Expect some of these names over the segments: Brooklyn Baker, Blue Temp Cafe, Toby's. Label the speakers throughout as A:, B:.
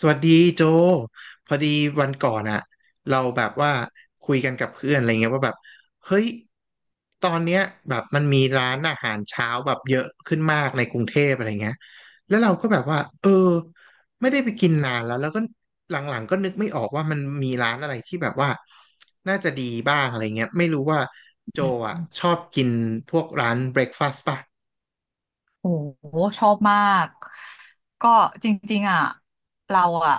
A: สวัสดีโจพอดีวันก่อนอะเราแบบว่าคุยกันกับเพื่อนอะไรเงี้ยว่าแบบเฮ้ยตอนเนี้ยแบบมันมีร้านอาหารเช้าแบบเยอะขึ้นมากในกรุงเทพอะไรเงี้ยแล้วเราก็แบบว่าเออไม่ได้ไปกินนานแล้วแล้วก็หลังๆก็นึกไม่ออกว่ามันมีร้านอะไรที่แบบว่าน่าจะดีบ้างอะไรเงี้ยไม่รู้ว่าโจ
B: อืม
A: อะชอบกินพวกร้านเบรคฟาสต์ป่ะ
B: โอ้โหชอบมากก็จริงๆอ่ะเราอ่ะ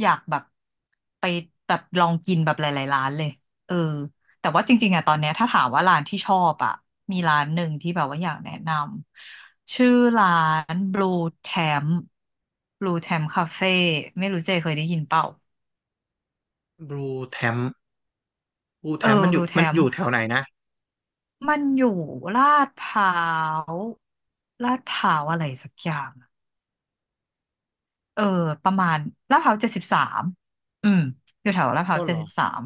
B: อยากแบบไปแบบลองกินแบบหลายๆร้านเลยเออแต่ว่าจริงๆอ่ะตอนเนี้ยถ้าถามว่าร้านที่ชอบอ่ะมีร้านหนึ่งที่แบบว่าอยากแนะนำชื่อร้าน Temp Blue Temp Cafe ไม่รู้เจเคยได้ยินเปล่า
A: บลูแทมบลูแท
B: เออ
A: มมันอยู่
B: Blue
A: มัน
B: Temp
A: อยู่แถวไหนนะ
B: มันอยู่ลาดพร้าวลาดพร้าวอะไรสักอย่าง เออประมาณลาดพร้าวเจ็ดสิบสามอืมอยู่แถวลาดพ
A: อ้
B: ร้าว
A: อ
B: เจ็
A: เหร
B: ด
A: อ
B: สิบสาม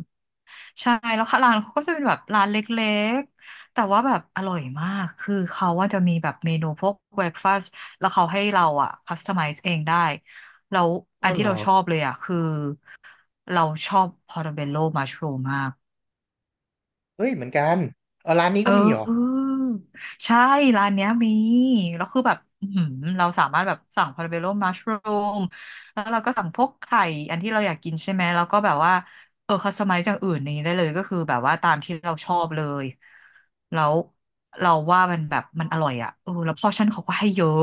B: ใช่แล้วค่ะร้านเขาก็จะเป็นแบบร้านเล็กๆแต่ว่าแบบอร่อยมากคือเขาว่าจะมีแบบเมนูพวกเบรคฟาสต์แล้วเขาให้เราอ่ะคัสตอมไมซ์เองได้แล้ว
A: อ้
B: อั
A: อ
B: น
A: เห
B: ที่
A: รอ
B: เราชอบเลยอ่ะคือเราชอบพอร์ตเบลโลมัชรูมมาก
A: เฮ้ยเหมือนกันเออร้านนี้
B: เอ
A: ก็มีเหรอ
B: อใช่ร้านเนี้ยมีแล้วคือแบบอื้อหือเราสามารถแบบสั่งพาราเบโลมัชรูมแล้วเราก็สั่งพวกไข่อันที่เราอยากกินใช่ไหมแล้วก็แบบว่าคัสตอมไมซ์จากอื่นนี้ได้เลยก็คือแบบว่าตามที่เราชอบเลยแล้วเราว่ามันแบบมันอร่อยอ่ะแล้วพอชั่นเขาก็ให้เยอะ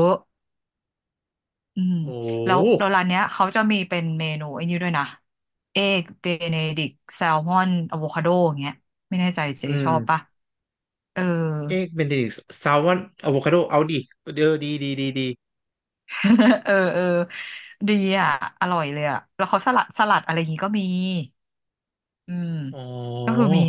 B: อืม
A: โอ้โ
B: แล้ว
A: ห
B: แล้วร้านเนี้ยเขาจะมีเป็นเมนูไอ้นี่ด้วยนะเอกเบเนดิกแซลมอนอะโวคาโดอย่างเงี้ยไม่แน่ใจเจ๊
A: อื
B: ชอบปะ
A: ม
B: เออ
A: เอ๊ะเบนเดดิกต์ซาวน์อะโวคาโดดีดีดีดี
B: เออเออดีอ่ะอร่อยเลยอ่ะแล้วเขาสลัดอะไรอย่างงี้ก็มีอืม
A: อ๋อ
B: ก็คือมี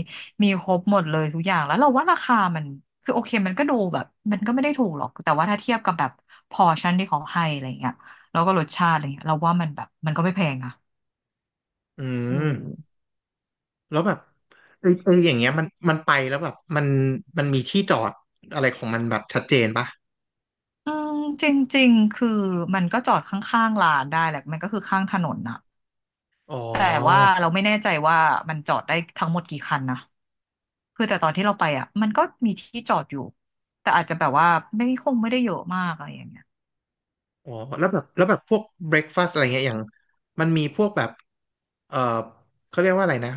B: มีครบหมดเลยทุกอย่างแล้วเราว่าราคามันคือโอเคมันก็ดูแบบมันก็ไม่ได้ถูกหรอกแต่ว่าถ้าเทียบกับแบบพอร์ชั่นที่เขาให้อะไรเงี้ยแล้วก็รสชาติอะไรเงี้ยเราว่ามันแบบมันก็ไม่แพงนะ
A: อื
B: เออ
A: ม แล้วแบบเออเอออย่างเงี้ยมันไปแล้วแบบมันมีที่จอดอะไรของมันแบบชัดเจนปะ
B: อืมจริงๆคือมันก็จอดข้างๆร้านได้แหละมันก็คือข้างถนนนะ
A: อ๋อ
B: แต่ว่าเราไม่แน่ใจว่ามันจอดได้ทั้งหมดกี่คันนะ คือแต่ตอนที่เราไปอ่ะมันก็มีที่จอดอยู่แต่อาจจะแบบว่าไม่คงไม่ได้เยอะมากอะไรอย่างเงี้ย
A: อ๋อแล้วแบบพวกเบรคฟาสต์อะไรเงี้ยอย่างมันมีพวกแบบเออเขาเรียกว่าอะไรนะ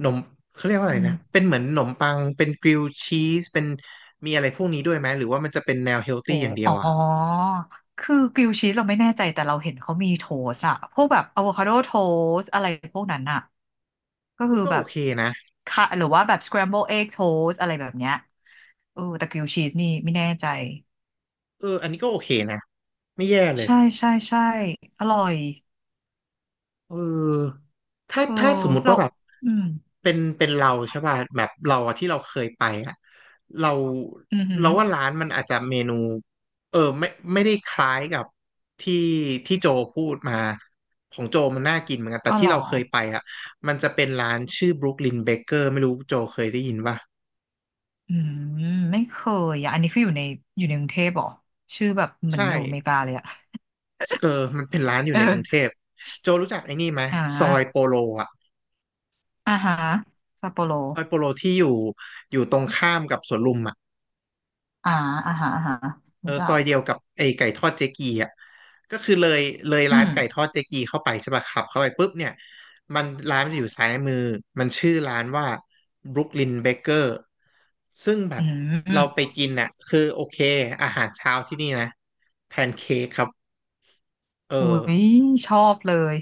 A: หนมเขาเรียกว่า
B: อื
A: อะไรนะ
B: ม
A: เป็นเหมือนหนมปังเป็นกริลชีสเป็นมีอะไรพวกนี้ด้วยไหมหรือว่ามันจะเป็นแนวเฮลตี้
B: โอ้
A: อย่างเดีย
B: อ๋
A: ว
B: อ
A: อ่ะ
B: คือกริลด์ชีสเราไม่แน่ใจแต่เราเห็นเขามีโทสอะพวกแบบอะโวคาโดโทสอะไรพวกนั้นอะก็
A: มั
B: คื
A: น
B: อ
A: ก็
B: แบ
A: โอ
B: บ
A: เคนะ
B: ค่ะหรือว่าแบบสครัมเบิลเอ็กโทสอะไรแบบเนี้ยแต่กริลด์ชีสนี่ไม่แน่ใจ
A: เอออันนี้ก็โอเคนะไม่แย่เลย
B: ใช่ใช่ใช่อร่อย
A: เออถ้า
B: เออ
A: ถ้าสมมุติ
B: เรา
A: ว่าแบบ
B: อืม
A: เป็นเราใช่ป่ะแบบเราอะที่เราเคยไปอะเรา
B: อือหือ
A: เราว่าร้านมันอาจจะเมนูเออไม่ไม่ได้คล้ายกับที่ที่โจพูดมาของโจมันน่ากินเหมือนกัน
B: อ๋
A: แต่
B: อเห
A: ที่
B: รอ
A: เราเคยไปอะมันจะเป็นร้านชื่อ Brooklyn Baker ไม่รู้โจเคยได้ยินป่ะ
B: อืมไม่เคยอ่ะอันนี้คืออยู่ในอยู่ในกรุงเทพเหรอชื่อแบบเหมือ
A: ใช่
B: นอยู่อเมริกาเลยอ่ะ
A: เออมันเป็นร้านอยู่
B: เอ
A: ในกรุงเท
B: อ
A: พโจรู้จักไอ้นี่ไหม
B: อ่
A: ซอยโป
B: า
A: โลอะ
B: อ่าฮะซัปโปโร
A: ซอยโปโลที่อยู่อยู่ตรงข้ามกับสวนลุมอะ
B: อ่าอ่าฮะอ่าฮะรู้จัก
A: ไอ้ไก่ทอดเจ๊กีอ่ะก็คือเลยเลย
B: อื
A: ร้าน
B: ม
A: ไก่ทอดเจ๊กีเข้าไปใช่ป่ะขับเข้าไปปุ๊บเนี่ยร้านมันจะอยู่ซ้ายมือมันชื่อร้านว่า Brooklyn Baker ซึ่งแบ
B: อื
A: บเรา
B: ม
A: ไปกินน่ะคือโอเคอาหารเช้าที่นี่นะแพนเค้กครับเออ
B: อุ้ยชอบเลย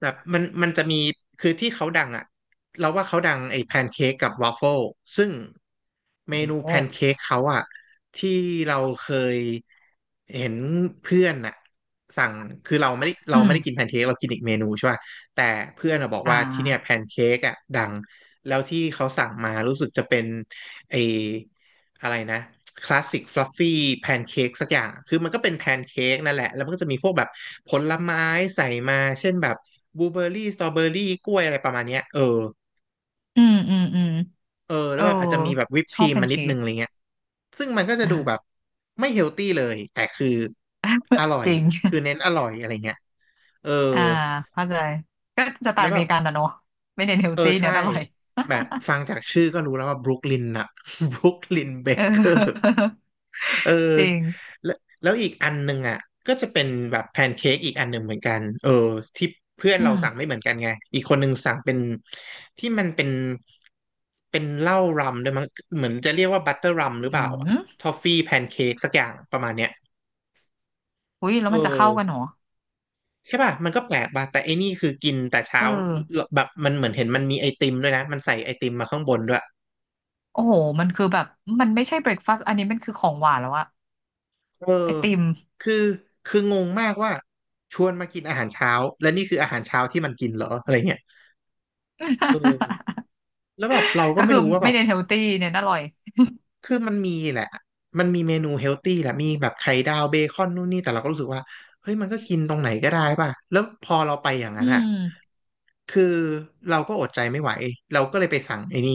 A: แบบมันจะมีคือที่เขาดังอะเราว่าเขาดังไอ้แพนเค้กกับวาฟเฟิลซึ่งเม
B: โอ้
A: นู
B: โห
A: แพนเค้กเขาอะที่เราเคยเห็นเพื่อนอะสั่งคือเราไม่ได้เรา
B: อื
A: ไม่
B: ม
A: ได้กินแพนเค้กเรากินอีกเมนูใช่ป่ะแต่เพื่อนอะบอก
B: อ่
A: ว่าที่เนี่ยแพ
B: า
A: นเค้กอะดังแล้วที่เขาสั่งมารู้สึกจะเป็นไอ้ อะไรนะคลาสสิกฟลัฟฟี่แพนเค้กสักอย่างคือมันก็เป็นแพนเค้กนั่นแหละแล้วมันก็จะมีพวกแบบผลไม้ใส่มาเช่นแบบบลูเบอร์รี่สตรอเบอร์รี่กล้วยอะไรประมาณเนี้ยเออ
B: อืมอืมอืม
A: เออ
B: เอ
A: แล้ว
B: อ
A: แบบอาจจะมีแบบวิป
B: ช
A: ค
B: อ
A: รี
B: บ
A: ม
B: แพน
A: มานิด
B: เค้
A: นึ
B: ก
A: งอะไรเงี้ยซึ่งมันก็จะ
B: อ่า
A: ดูแบบไม่เฮลตี้เลยแต่คืออร่อ ย
B: จริง
A: คือเน้นอร่อยอะไรเงี้ยเออ
B: อ่าเข้าใจก็สไต
A: แล้
B: ล์
A: ว
B: อ
A: แบ
B: เม
A: บ
B: ริกันนะเนอะไม่เน้นเฮล
A: เออ
B: ตี้
A: ใช่
B: เน้นอร่อย
A: แบบฟังจากชื่อก็รู้แล้วว่าบรุกลินน่ะ บรุกลินเบ
B: เอ
A: เกอร์
B: อ
A: เออ
B: จริง
A: แล้วแล้วอีกอันหนึ่งอ่ะก็จะเป็นแบบแพนเค้กอีกอันหนึ่งเหมือนกันเออที่เพื่อน
B: อื
A: เราสั่งไม่
B: ม
A: เหมือนกันไงอีกคนหนึ่งสั่งเป็นที่มันเป็นเป็นเหล้ารัมด้วยมั้งเหมือนจะเรียกว่าบัตเตอร์รัมหรือเป
B: อื
A: ล่า
B: ม
A: ทอฟฟี่แพนเค้กสักอย่างประมาณเนี้ย
B: อุ้ยแล้ว
A: เออ
B: มันจะเข้ากันเหรอ
A: ใช่ป่ะมันก็แปลกป่ะแต่ไอ้นี่คือกินแต่เช้า
B: เออ
A: แบบมันเหมือนเห็นมันมีไอติมด้วยนะมันใส่ไอติมมาข้างบนด้วย
B: โอ้โห มันคือแบบ มันไม่ใช่เบรคฟาสต์อันนี้มันคือของหวานแล้วอะ
A: เออ
B: ไอติม
A: คือคืองงมากว่าชวนมากินอาหารเช้าและนี่คืออาหารเช้าที่มันกินเหรออะไรเงี้ยเออแล้วแบบเรา ก็
B: ก็
A: ไม่
B: คือ
A: รู้ว่าแบ
B: ไม่
A: บ
B: เน้นเฮลตี้เน้นอร่อย
A: คือมันมีแหละมันมีเมนูเฮลตี้แหละมีแบบไข่ดาวเบคอนนู่นนี่แต่เราก็รู้สึกว่าเฮ้ยมันก็กินตรงไหนก็ได้ป่ะแล้วพอเราไปอย่างนั้
B: อื
A: นอ่ะ
B: ม
A: คือเราก็อดใจไม่ไหวเราก็เลยไปสั่งไอ้นี่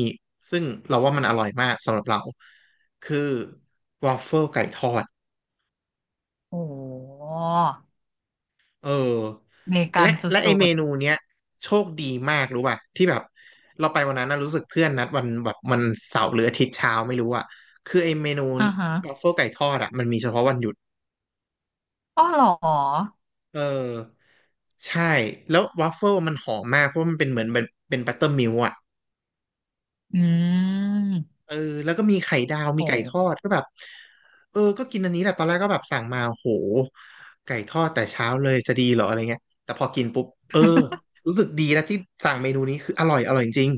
A: ซึ่งเราว่ามันอร่อยมากสำหรับเราคือวอฟเฟิลไก่ทอด
B: โอ้โห
A: เออ
B: อเมริกัน
A: และ
B: ส
A: และไอ
B: ุ
A: เม
B: ด
A: นูเนี้ยโชคดีมากรู้ป่ะที่แบบเราไปวันนั้นนะรู้สึกเพื่อนนัดวันแบบมันเสาร์หรืออาทิตย์เช้าไม่รู้อ่ะคือไอเมนู
B: ๆอ่าฮะ
A: วัฟเฟิลไก่ทอดอ่ะมันมีเฉพาะวันหยุด
B: อ๋อเหรอ
A: เออใช่แล้ววัฟเฟิลมันหอมมากเพราะมันเป็นเหมือนเป็นบัตเตอร์มิลอ่ะ
B: อืม
A: เออแล้วก็มีไข่ดาวมี
B: โอ้
A: ไก่ทอดก็แบบเออก็กินอันนี้แหละตอนแรกก็แบบสั่งมาโหไก่ทอดแต่เช้าเลยจะดีเหรออะไรเงี้ยแต่พอกินปุ๊บเออรู้สึกดีแล้วที่สั่งเมนูนี้คืออร่อยอร่อยจริง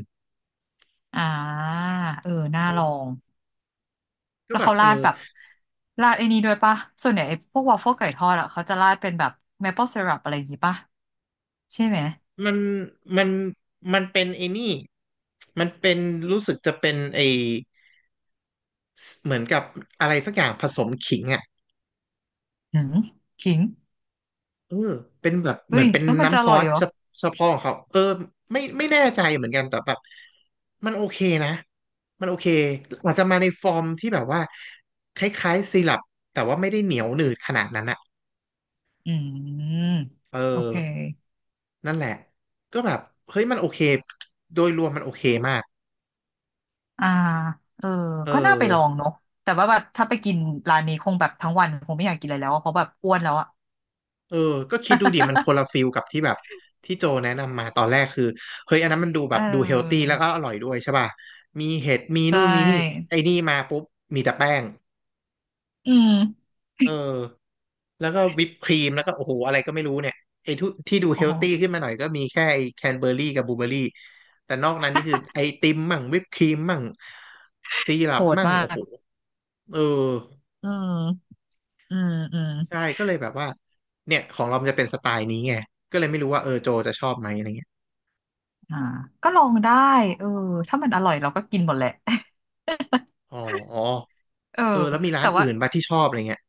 B: อ่า เออ น่า
A: เออ
B: ลอง
A: ก็
B: แล้ว
A: แบบ
B: เขาราดแบบราดไอ้นี้ด้วยปะส่วนใหญ่ไอ้พวกวอฟเฟิลไก่ทอดอะเขาจะราดเป็นแบบ maple syrup อะไรอย่างงี้ปะใช่ไหม
A: มันมันมันเป็นไอ้นี่มันเป็นรู้สึกจะเป็นไอเหมือนกับอะไรสักอย่างผสมขิงอ่ะ
B: หืมขิง
A: เออเป็นแบบเห
B: เฮ้
A: มือ
B: ย
A: นเป็น
B: แล้วมันจะอ
A: น้ำซ
B: ร่
A: อ
B: อย
A: ส
B: เหรอ
A: เฉเฉพาะของเขาเออไม่แน่ใจเหมือนกันแต่แบบมันโอเคนะมันโอเคอาจจะมาในฟอร์มที่แบบว่าคล้ายๆซีรัปแต่ว่าไม่ได้เหนียวหนืดขนาดนั้นอ่ะ
B: อืม
A: เออ
B: โอเค
A: นั่นแหละก็แบบเฮ้ยมันโอเคโดยรวมมันโอเคมาก
B: อ่า เออ
A: เออ
B: ก็น่าไปลองเนาะแต่ว่าแบบถ้าไปกินร้านนี้คงแบบทั้งวันคงไม่อยากกินอะไรแล้วอะเพราะแบบอ้วนแล้วอะ
A: เออก็คิดดูดิมันคนละฟิ ลกับที่แบบที่โจแนะนำมาตอนแรกคือเฮ้ยอันนั้นมันดูแบ
B: เอ
A: บดูเฮลตี้
B: อ
A: แล้วก็อร่อยด้วยใช่ป่ะมีเห็ดมี
B: ใช
A: นู่นมีนี่
B: ่
A: ไอ้นี่มาปุ๊บมีแต่แป้ง
B: อืม
A: เออแล้วก็วิปครีมแล้วก็โอ้โหอะไรก็ไม่รู้เนี่ยไอ้ทุที่ดูเฮ
B: โอ้
A: ล
B: โห
A: ตี้ขึ้นมาหน่อยก็มีแค่ไอ้แคนเบอร์รี่กับบลูเบอร์รี่แต่นอกนั้นนี่คือไอติมมั่งวิปครีมมั่งซีรั
B: โห
A: ป
B: ด
A: มั่ง
B: มา
A: โอ้โห
B: ก
A: เออ
B: อืมอืมอืม
A: ใช่ก็เลยแบบว่าเนี่ยของเรามันจะเป็นสไตล์นี้ไงก็เลยไม่รู้ว่าเออโจจะชอบไหมอะไรเงี้ย
B: อ่าก็ลองได้เออถ้ามันอร่อยเราก็กินหมดแหละ
A: อ๋อ
B: เออ
A: เออแล้วมีร้า
B: แต่
A: น
B: ว่า
A: อื่นบ้างที่ชอบอะไรเงี้ย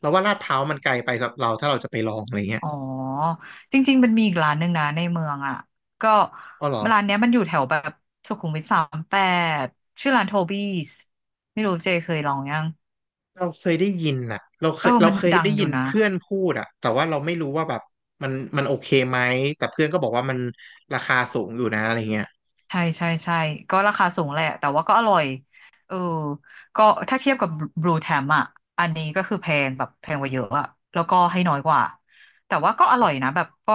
A: เราว่าลาดพร้าวมันไกลไปสำหรับเราถ้าเราจะไปลองอะไรเงี้ย
B: อ๋อจริงๆมันมีอีกร้านหนึ่งนะในเมืองอ่ะก็
A: อ๋อเหรอ
B: ร้านเนี้ยมันอยู่แถวแบบสุขุมวิท38ชื่อร้านโทบี้สไม่รู้เจเคยลองยัง
A: เราเคยได้ยินน่ะเราเคยเรา
B: มัน
A: เคย
B: ดัง
A: ได้
B: อ
A: ยิ
B: ยู่
A: น
B: นะ
A: เพื่อนพูดอะแต่ว่าเราไม่รู้ว่าแบบมันมันโอเคไหม แต่เพื่อนก็บอกว่ามันราคาสูงอยู่นะอะไรเงี้ย
B: ใช่ใช่ใช่ก็ราคาสูงแหละแต่ว่าก็อร่อยเออก็ถ้าเทียบกับบลูแทมอ่ะอันนี้ก็คือแพงแบบแพงกว่าเยอะอะแล้วก็ให้น้อยกว่าแต่ว่าก็อร่อยนะแบบก็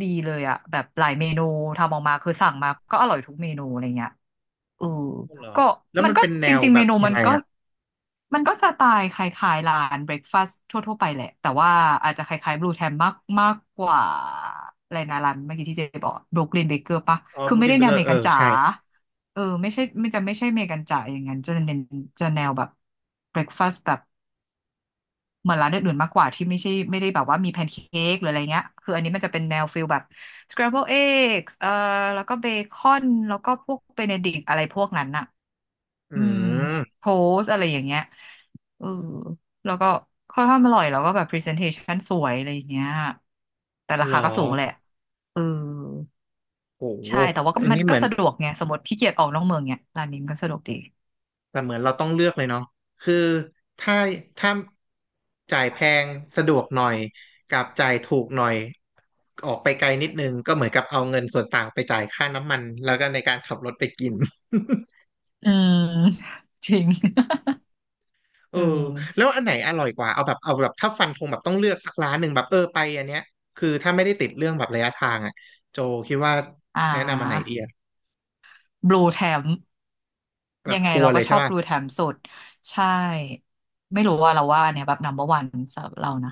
B: ดีเลยอ่ะแบบหลายเมนูทำออกมาคือสั่งมาก็อร่อยทุกเมนูอะไรเงี้ย อืม
A: อ๋อเหรอ
B: ก็
A: แล้ว
B: มัน
A: มัน
B: ก็
A: เป็นแน
B: จ
A: ว
B: ริงๆ
A: แบ
B: เม
A: บ
B: นู
A: ยั
B: มั
A: ง
B: น
A: ไง
B: ก็
A: อะ
B: มันก็จะตายคล้ายๆร้านเบรคฟาสต์ทั่วๆไปแหละแต่ว่าอาจจะคล้ายๆบลูแทมมากมากกว่าอะไรนะร้านเมื่อกี้ที่เจ๊บอกบรูคลินเบเกอร์ปะ
A: อ๋อ
B: คื
A: บ
B: อ
A: รู
B: ไม่
A: คลิ
B: ได้
A: นเบ
B: แน
A: เก
B: ว
A: อ
B: อเม
A: ร์เอ
B: ริ
A: อ
B: กันจ๋า
A: ใช่
B: ไม่ใช่ไม่จะไม่ใช่อเมริกันจ๋าอย่างนั้นจะเน้นจะแนวแบบเบรคฟาสต์แบบเหมือนร้านอื่นๆมากกว่าที่ไม่ใช่ไม่ได้แบบว่ามีแพนเค้กหรืออะไรเงี้ยคืออันนี้มันจะเป็นแนวฟิลแบบ scramble eggs แล้วก็เบคอนแล้วก็พวกเบเนดิกต์อะไรพวกนั้นอะ
A: อื
B: อืม
A: ม
B: โพสอะไรอย่างเงี้ยเออแล้วก็ข้อนข้างอร่อยแล้วก็แบบพรีเซนเทชันสวยอะไรอย่างเงี้ยแต่รา
A: เหร
B: คา
A: อ
B: ก็สูงแหละเออ
A: โห
B: ใช่แต่ว่าก็
A: อัน
B: มัน
A: นี้เห
B: ก็
A: มือน
B: สะดวกไงสมมติขี้เกียจออกนอกเมืองเนี่ยร้านนี้มันก็สะดวกดี
A: แต่เหมือนเราต้องเลือกเลยเนาะคือถ้าถ้าจ่ายแพงสะดวกหน่อยกับจ่ายถูกหน่อยออกไปไกลนิดนึงก็เหมือนกับเอาเงินส่วนต่างไปจ่ายค่าน้ำมันแล้วก็ในการขับรถไปกิน
B: อืม จริง
A: เอ อ
B: เออ
A: แล้วอันไหนอร่อยกว่าเอาแบบเอาแบบถ้าฟันธงแบบต้องเลือกสักร้านหนึ่งแบบเออไปอันเนี้ยคือถ้าไม่ได้ติดเรื่องแบบระยะทางอ่ะโจคิดว่า
B: อ่
A: แนะนำอันไหนดี
B: า
A: อะ
B: บลูแทม
A: แบ
B: ยั
A: บ
B: งไง
A: ชัว
B: เรา
A: ร์เล
B: ก็
A: ย
B: ช
A: ใช่
B: อบ
A: ป่ะ
B: บลูแทมสุดใช่ไม่รู้ว่าเราว่าอันเนี่ยแบบ number one สำหรับเรานะ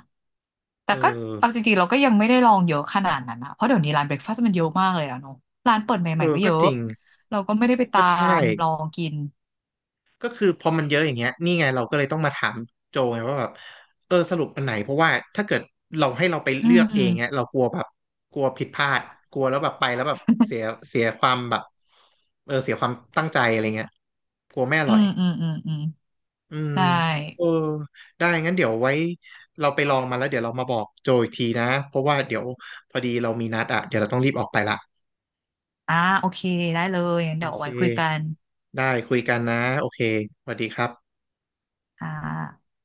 B: แต่
A: เอ
B: ก็
A: อ
B: เอาจริงๆเราก็ยังไม่ได้ลองเยอะขนาดนั้นนะเพราะเดี๋ยวนี้ร้านเบรคฟาสต์มันเยอะมากเลยอะเนาะร้านเปิดให
A: เอ
B: ม่ๆ
A: อ
B: ก็เย
A: ก็
B: อะ
A: จริง
B: เราก็ไม่ได้ไปตา
A: ก็ใช่
B: มลองกิน
A: ก็คือพอมันเยอะอย่างเงี้ยนี่ไงเราก็เลยต้องมาถามโจไงว่าแบบเออสรุปอันไหนเพราะว่าถ้าเกิดเราให้เราไป
B: อื
A: เลือ
B: ม
A: กเองเงี้ยเราก
B: อ
A: ลัวแบบกลัวผิดพลาดกลัวแล้วแบบไปแล้วแบบเสียเสียความแบบเออเสียความตั้งใจอะไรเงี้ยกลัวไม่อ
B: ื
A: ร่อย
B: มอืมอืมอืม
A: อืม
B: ได้
A: เออได้งั้นเดี๋ยวไว้เราไปลองมาแล้วเดี๋ยวเรามาบอกโจอีกทีนะเพราะว่าเดี๋ยวพอดีเรามีนัดอ่ะเดี๋ยวเราต้องรีบออกไปละ
B: อ่าโอเคได้เลยงั้น
A: โอ
B: เดี๋ยวเอา
A: เค
B: ไว้คุยกัน
A: ได้คุยกันนะโอเคสวัสดีครับ
B: อ่า